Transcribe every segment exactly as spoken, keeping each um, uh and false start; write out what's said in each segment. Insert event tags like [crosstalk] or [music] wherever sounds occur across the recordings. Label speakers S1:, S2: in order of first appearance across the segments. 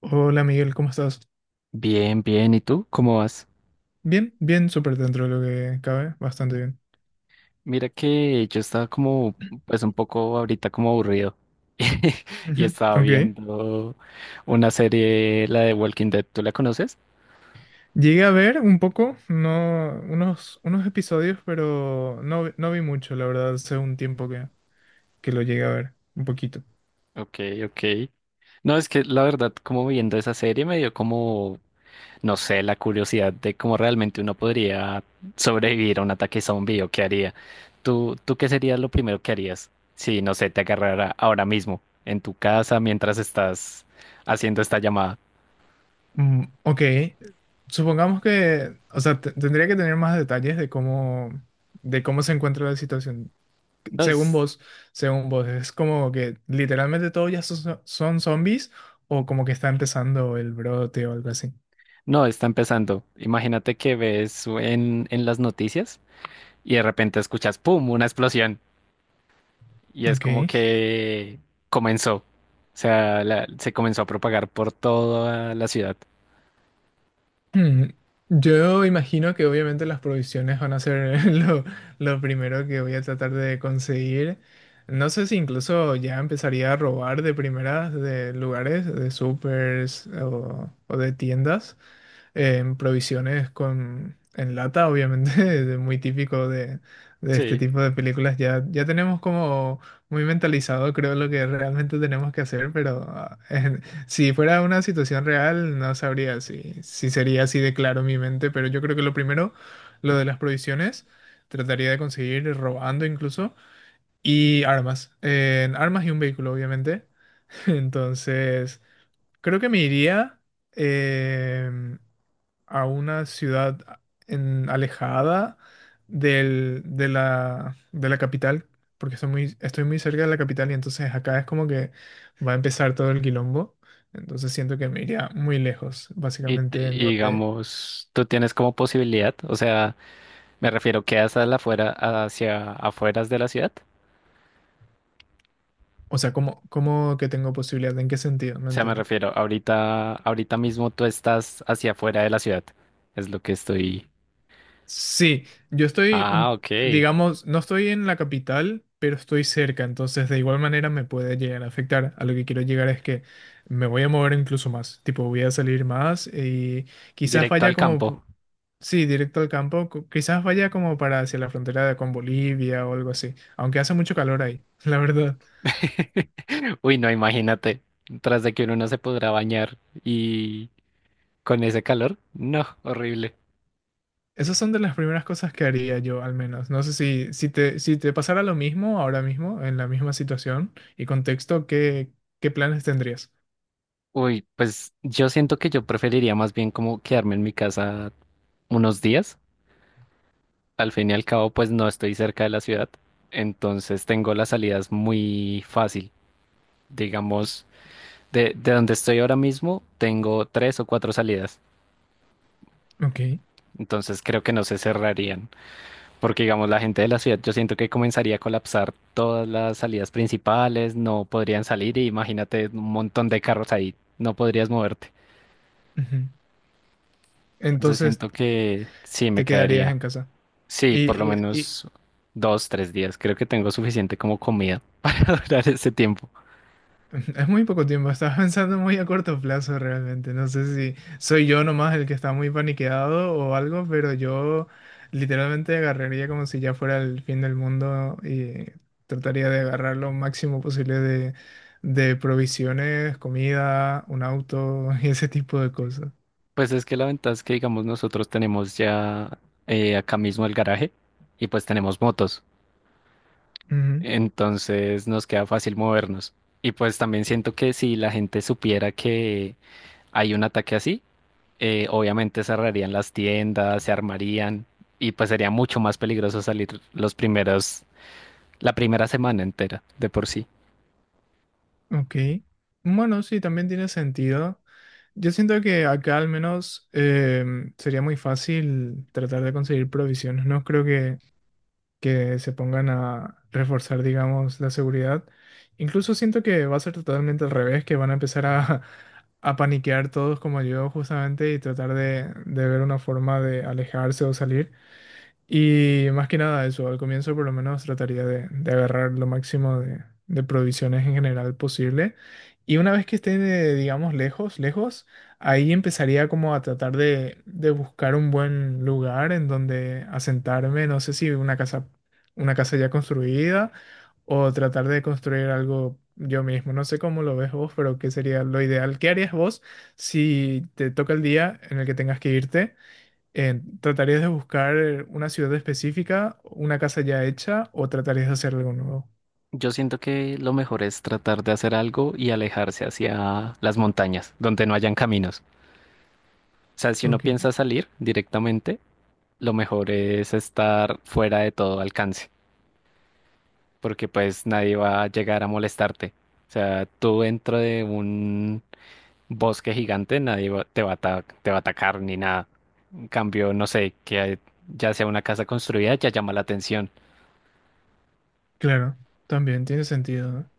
S1: Hola Miguel, ¿cómo estás?
S2: Bien, bien. ¿Y tú? ¿Cómo vas?
S1: Bien, bien, súper dentro de lo que cabe, bastante bien.
S2: Mira que yo estaba como, pues un poco ahorita como aburrido. [laughs] Y
S1: Ujú,
S2: estaba
S1: ok.
S2: viendo una serie, la de Walking Dead. ¿Tú la conoces?
S1: Llegué a ver un poco, no, unos, unos, episodios, pero no, vi- no vi mucho, la verdad, hace un tiempo que, que lo llegué a ver, un poquito.
S2: Ok, ok. No, es que la verdad, como viendo esa serie me dio como, no sé, la curiosidad de cómo realmente uno podría sobrevivir a un ataque zombie o qué haría. ¿Tú, tú qué sería lo primero que harías si, no sé, te agarrara ahora mismo en tu casa mientras estás haciendo esta llamada?
S1: Mm, ok, supongamos que, o sea, te- tendría que tener más detalles de cómo, de cómo, se encuentra la situación.
S2: No
S1: Según
S2: es,
S1: vos, según vos, ¿es como que literalmente todos ya son, son zombies o como que está empezando el brote o algo así?
S2: no está empezando. Imagínate que ves en, en las noticias y de repente escuchas ¡pum! Una explosión y es
S1: Ok.
S2: como que comenzó. O sea, la- se comenzó a propagar por toda la ciudad.
S1: Hmm. Yo imagino que obviamente las provisiones van a ser [laughs] lo, lo primero que voy a tratar de conseguir. No sé si incluso ya empezaría a robar de primeras de lugares, de supers o, o de tiendas. En provisiones con, en lata, obviamente, [laughs] de- muy típico de, de, este
S2: Sí.
S1: tipo de películas. Ya, ya tenemos como muy mentalizado, creo, lo que realmente tenemos que hacer, pero ah, [laughs] en- si fuera una situación real, no sabría si, si sería así de claro mi mente, pero yo creo que lo primero, lo de las provisiones, trataría de conseguir robando incluso, y armas, en armas y un vehículo, obviamente. [laughs] Entonces, creo que me iría em, a una ciudad ah, en, alejada del, de la, de la capital, porque estoy muy, estoy muy, cerca de la capital y entonces acá es como que va a empezar todo el quilombo. Entonces siento que me iría muy lejos,
S2: Y, t-
S1: básicamente, en
S2: y
S1: donde,
S2: digamos, tú tienes como posibilidad, o sea, me refiero, quedas a la afuera, hacia afueras de la ciudad.
S1: o sea, ¿cómo, cómo que tengo posibilidad? ¿En qué sentido?
S2: O
S1: No
S2: sea, me
S1: entiendo.
S2: refiero, ahorita, ahorita mismo tú estás hacia afuera de la ciudad. Es lo que estoy.
S1: Sí, yo estoy,
S2: Ah,
S1: un-
S2: ok.
S1: digamos, no estoy en la capital, pero estoy cerca, entonces de igual manera me puede llegar a afectar. A lo que quiero llegar es que me voy a mover incluso más, tipo voy a salir más y quizás
S2: Directo
S1: vaya
S2: al
S1: como,
S2: campo.
S1: pu- sí, directo al campo, cu- quizás vaya como para hacia la frontera de- con Bolivia o algo así, aunque hace mucho calor ahí, [laughs] la verdad.
S2: [laughs] Uy, no, imagínate, tras de que uno no se podrá bañar y con ese calor, no, horrible.
S1: Esas son de las primeras cosas que haría yo, al menos. No sé si, si te, si te, pasara lo mismo ahora mismo, en la misma situación y contexto, ¿qué, qué planes tendrías?
S2: Uy, pues yo siento que yo preferiría más bien como quedarme en mi casa unos días. Al fin y al cabo, pues no estoy cerca de la ciudad, entonces tengo las salidas muy fácil. Digamos, de, de donde estoy ahora mismo, tengo tres o cuatro salidas,
S1: Ok.
S2: entonces creo que no se cerrarían. Porque, digamos, la gente de la ciudad, yo siento que comenzaría a colapsar todas las salidas principales, no podrían salir y imagínate un montón de carros ahí, no podrías moverte.
S1: Ujú.
S2: Entonces
S1: Entonces
S2: siento que sí, me
S1: te quedarías
S2: quedaría.
S1: en casa.
S2: Sí, por lo
S1: Y, y- y
S2: menos dos, tres días. Creo que tengo suficiente como comida [laughs] para ese tiempo.
S1: [laughs] es muy poco tiempo, estás pensando muy a corto plazo realmente. No sé si soy yo nomás el que está muy paniqueado o algo, pero yo literalmente agarraría como si ya fuera el fin del mundo y trataría de agarrar lo máximo posible de, de, provisiones, comida, un auto [laughs] y ese tipo de cosas.
S2: Pues es que la ventaja es que, digamos, nosotros tenemos ya eh, acá mismo el garaje y pues tenemos motos. Entonces nos queda fácil movernos. Y pues también siento que si la gente supiera que hay un ataque así, eh, obviamente cerrarían las tiendas, se armarían y pues sería mucho más peligroso salir los primeros, la primera semana entera de por sí.
S1: Ok. Bueno, sí, también tiene sentido. Yo siento que acá al menos em, sería muy fácil tratar de conseguir provisiones. No creo que, que, se pongan a reforzar, digamos, la seguridad. Incluso siento que va a ser totalmente al revés, que van a empezar a, [laughs] a paniquear todos como yo justamente y tratar de, de, ver una forma de alejarse o salir. Y más que nada eso, al comienzo por lo menos trataría de, de agarrar lo máximo de, de provisiones en general posible. Y una vez que esté, eh, digamos, lejos, lejos, ahí empezaría como a tratar de, de, buscar un buen lugar en donde asentarme, no sé si una casa, una casa ya construida o tratar de construir algo yo mismo. No sé cómo lo ves vos, pero qué sería lo ideal. ¿Qué harías vos si te toca el día en el que tengas que irte? Eh, ¿tratarías de buscar eh, una ciudad específica, una casa ya hecha o tratarías de hacer algo nuevo?
S2: Yo siento que lo mejor es tratar de hacer algo y alejarse hacia las montañas, donde no hayan caminos. O sea, si uno
S1: Ok,
S2: piensa salir directamente, lo mejor es estar fuera de todo alcance, porque pues nadie va a llegar a molestarte. O sea, tú dentro de un bosque gigante, nadie va- te va a ata- te va a atacar ni nada. En cambio, no sé, que ya sea una casa construida, ya llama la atención.
S1: claro, también tiene sentido, ¿no?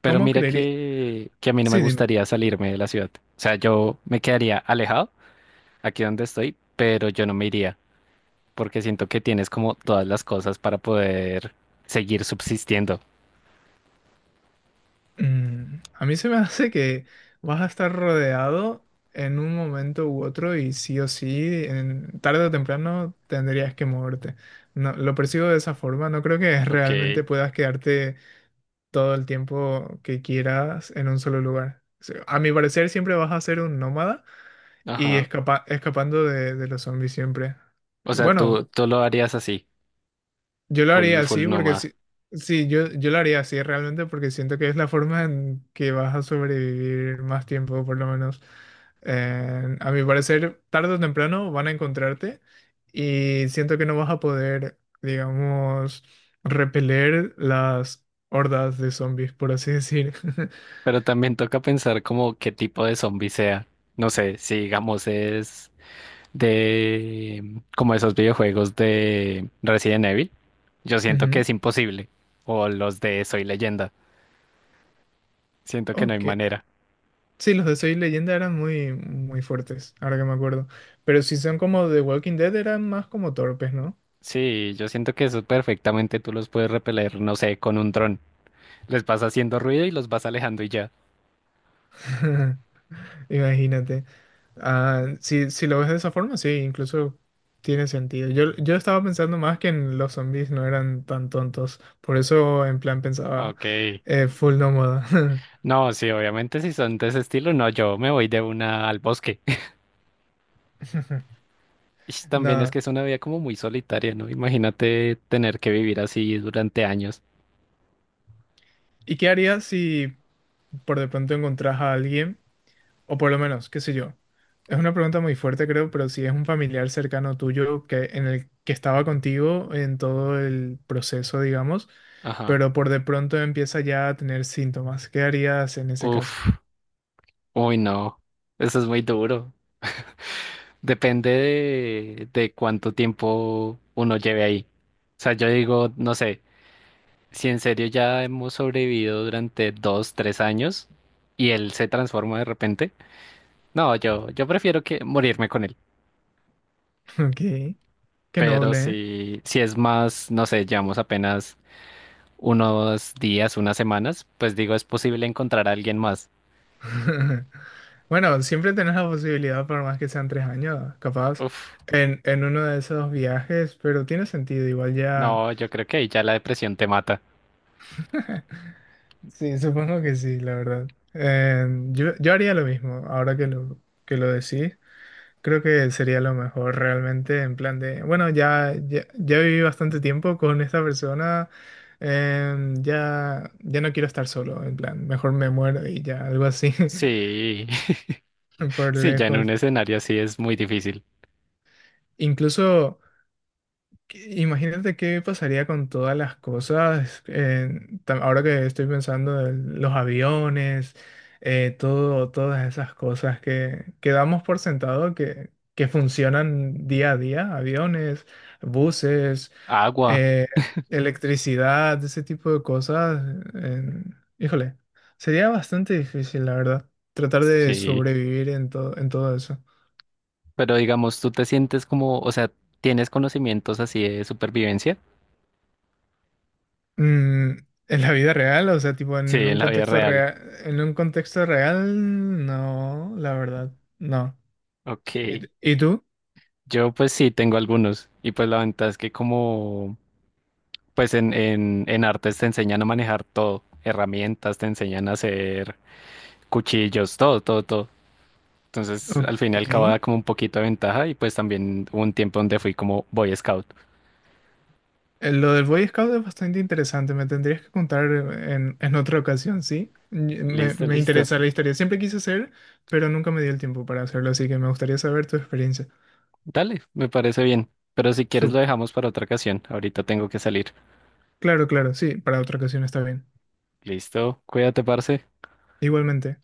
S2: Pero
S1: ¿Cómo
S2: mira
S1: creería?
S2: que, que a mí no me
S1: Sí, dime.
S2: gustaría salirme de la ciudad. O sea, yo me quedaría alejado aquí donde estoy, pero yo no me iría, porque siento que tienes como todas las cosas para poder seguir subsistiendo.
S1: Mm, a mí se me [laughs] hace que vas a estar rodeado en un momento u otro y sí o sí, en, tarde o temprano tendrías que moverte. No, lo percibo de esa forma, no creo que
S2: Ok,
S1: realmente puedas quedarte todo el tiempo que quieras en un solo lugar. O sea, a mi parecer siempre vas a ser un nómada. Y
S2: ajá.
S1: escapa- escapando de, de, los zombies siempre.
S2: O sea,
S1: Bueno,
S2: tú, tú lo harías así,
S1: yo lo haría
S2: full, full
S1: así porque
S2: nómada.
S1: si, sí, yo, yo lo haría así realmente porque siento que es la forma en que vas a sobrevivir más tiempo, por lo menos. Eh, a mi parecer, tarde o temprano van a encontrarte y siento que no vas a poder, digamos, repeler las hordas de zombies, por así decir. [laughs]
S2: Pero también toca pensar como qué tipo de zombie sea. No sé, si digamos es de como esos videojuegos de Resident Evil. Yo siento que
S1: Ujú.
S2: es imposible. O los de Soy Leyenda. Siento que no hay
S1: Ok.
S2: manera.
S1: Sí, los de Soy Leyenda eran muy, muy fuertes, ahora que me acuerdo. Pero si son como The Walking Dead, eran más como torpes, ¿no?
S2: Sí, yo siento que eso perfectamente tú los puedes repeler, no sé, con un dron. Les vas haciendo ruido y los vas alejando y ya.
S1: [laughs] Imagínate. Ah, si, si, lo ves de esa forma, sí, incluso tiene sentido. Yo, yo estaba pensando más que en los zombies no eran tan tontos. Por eso, en plan, pensaba
S2: Ok.
S1: eh, full nómada.
S2: No, sí, obviamente si son de ese estilo, no, yo me voy de una al bosque. [laughs]
S1: [laughs]
S2: Y también es que
S1: Nada.
S2: es una vida como muy solitaria, ¿no? Imagínate tener que vivir así durante años.
S1: ¿Y qué harías si por de pronto encontrás a alguien? O por lo menos, qué sé yo. Es una pregunta muy fuerte, creo, pero si es un familiar cercano tuyo que, en el que estaba contigo en todo el proceso, digamos,
S2: Ajá.
S1: pero por de pronto empieza ya a tener síntomas, ¿qué harías en ese
S2: Uf.
S1: caso?
S2: Uy, no. Eso es muy duro. Depende de, de cuánto tiempo uno lleve ahí. O sea, yo digo, no sé, si en serio ya hemos sobrevivido durante dos, tres años y él se transforma de repente, no, yo, yo prefiero que morirme con él.
S1: [laughs] Ok, qué
S2: Pero
S1: noble, ¿eh?
S2: si, si es más, no sé, llevamos apenas unos días, unas semanas, pues digo, es posible encontrar a alguien más.
S1: [laughs] Bueno, siempre tenés la posibilidad, por más que sean tres años, capaz,
S2: Uf,
S1: en, en, uno de esos viajes, pero tiene sentido, igual ya.
S2: no, yo creo que ahí ya la depresión te mata.
S1: [laughs] Sí, supongo que sí, la verdad. Eh, yo, yo, haría lo mismo, ahora que lo, que lo decís. Creo que sería lo mejor realmente, en plan de, bueno, ya, ya, ya, viví bastante tiempo con esta persona, eh, ya, ya no quiero estar solo, en plan, mejor me muero y ya, algo así, [laughs]
S2: Sí, [laughs]
S1: por
S2: sí, ya en un
S1: lejos.
S2: escenario así es muy difícil.
S1: Incluso. Imagínate qué pasaría con todas las cosas, eh, tam- ahora que estoy pensando en los aviones, eh, todo, todas esas cosas que, que damos por sentado que, que funcionan día a día, aviones, buses,
S2: Agua.
S1: eh, electricidad, ese tipo de cosas. eh, híjole, sería bastante difícil, la verdad, tratar de
S2: Sí,
S1: sobrevivir en todo, en todo, eso.
S2: pero digamos, tú te sientes como, o sea, tienes conocimientos así de supervivencia.
S1: Mm, en la vida real, o sea, tipo
S2: Sí,
S1: en
S2: en
S1: un
S2: la vida
S1: contexto
S2: real.
S1: real, en un contexto real, no, la verdad, no. ¿Y,
S2: Ok.
S1: y tú?
S2: Yo pues sí tengo algunos. Y pues la ventaja es que como, pues en, en, en artes te enseñan a manejar todo. Herramientas, te enseñan a hacer cuchillos, todo, todo, todo. Entonces,
S1: Ok.
S2: al fin y al cabo
S1: Eh,
S2: da como un poquito de ventaja y pues también hubo un tiempo donde fui como Boy Scout.
S1: Lo del Boy Scout es bastante interesante, me tendrías que contar en, en otra ocasión, ¿sí? Y Me,
S2: Listo,
S1: me
S2: listo.
S1: interesa la historia, siempre quise hacer, pero nunca me dio el tiempo para hacerlo, así que me gustaría saber tu experiencia.
S2: Dale, me parece bien. Pero si quieres lo
S1: Sup-
S2: dejamos para otra ocasión. Ahorita tengo que salir.
S1: Claro, claro, sí, para otra ocasión está bien.
S2: Listo, cuídate, parce.
S1: Igualmente.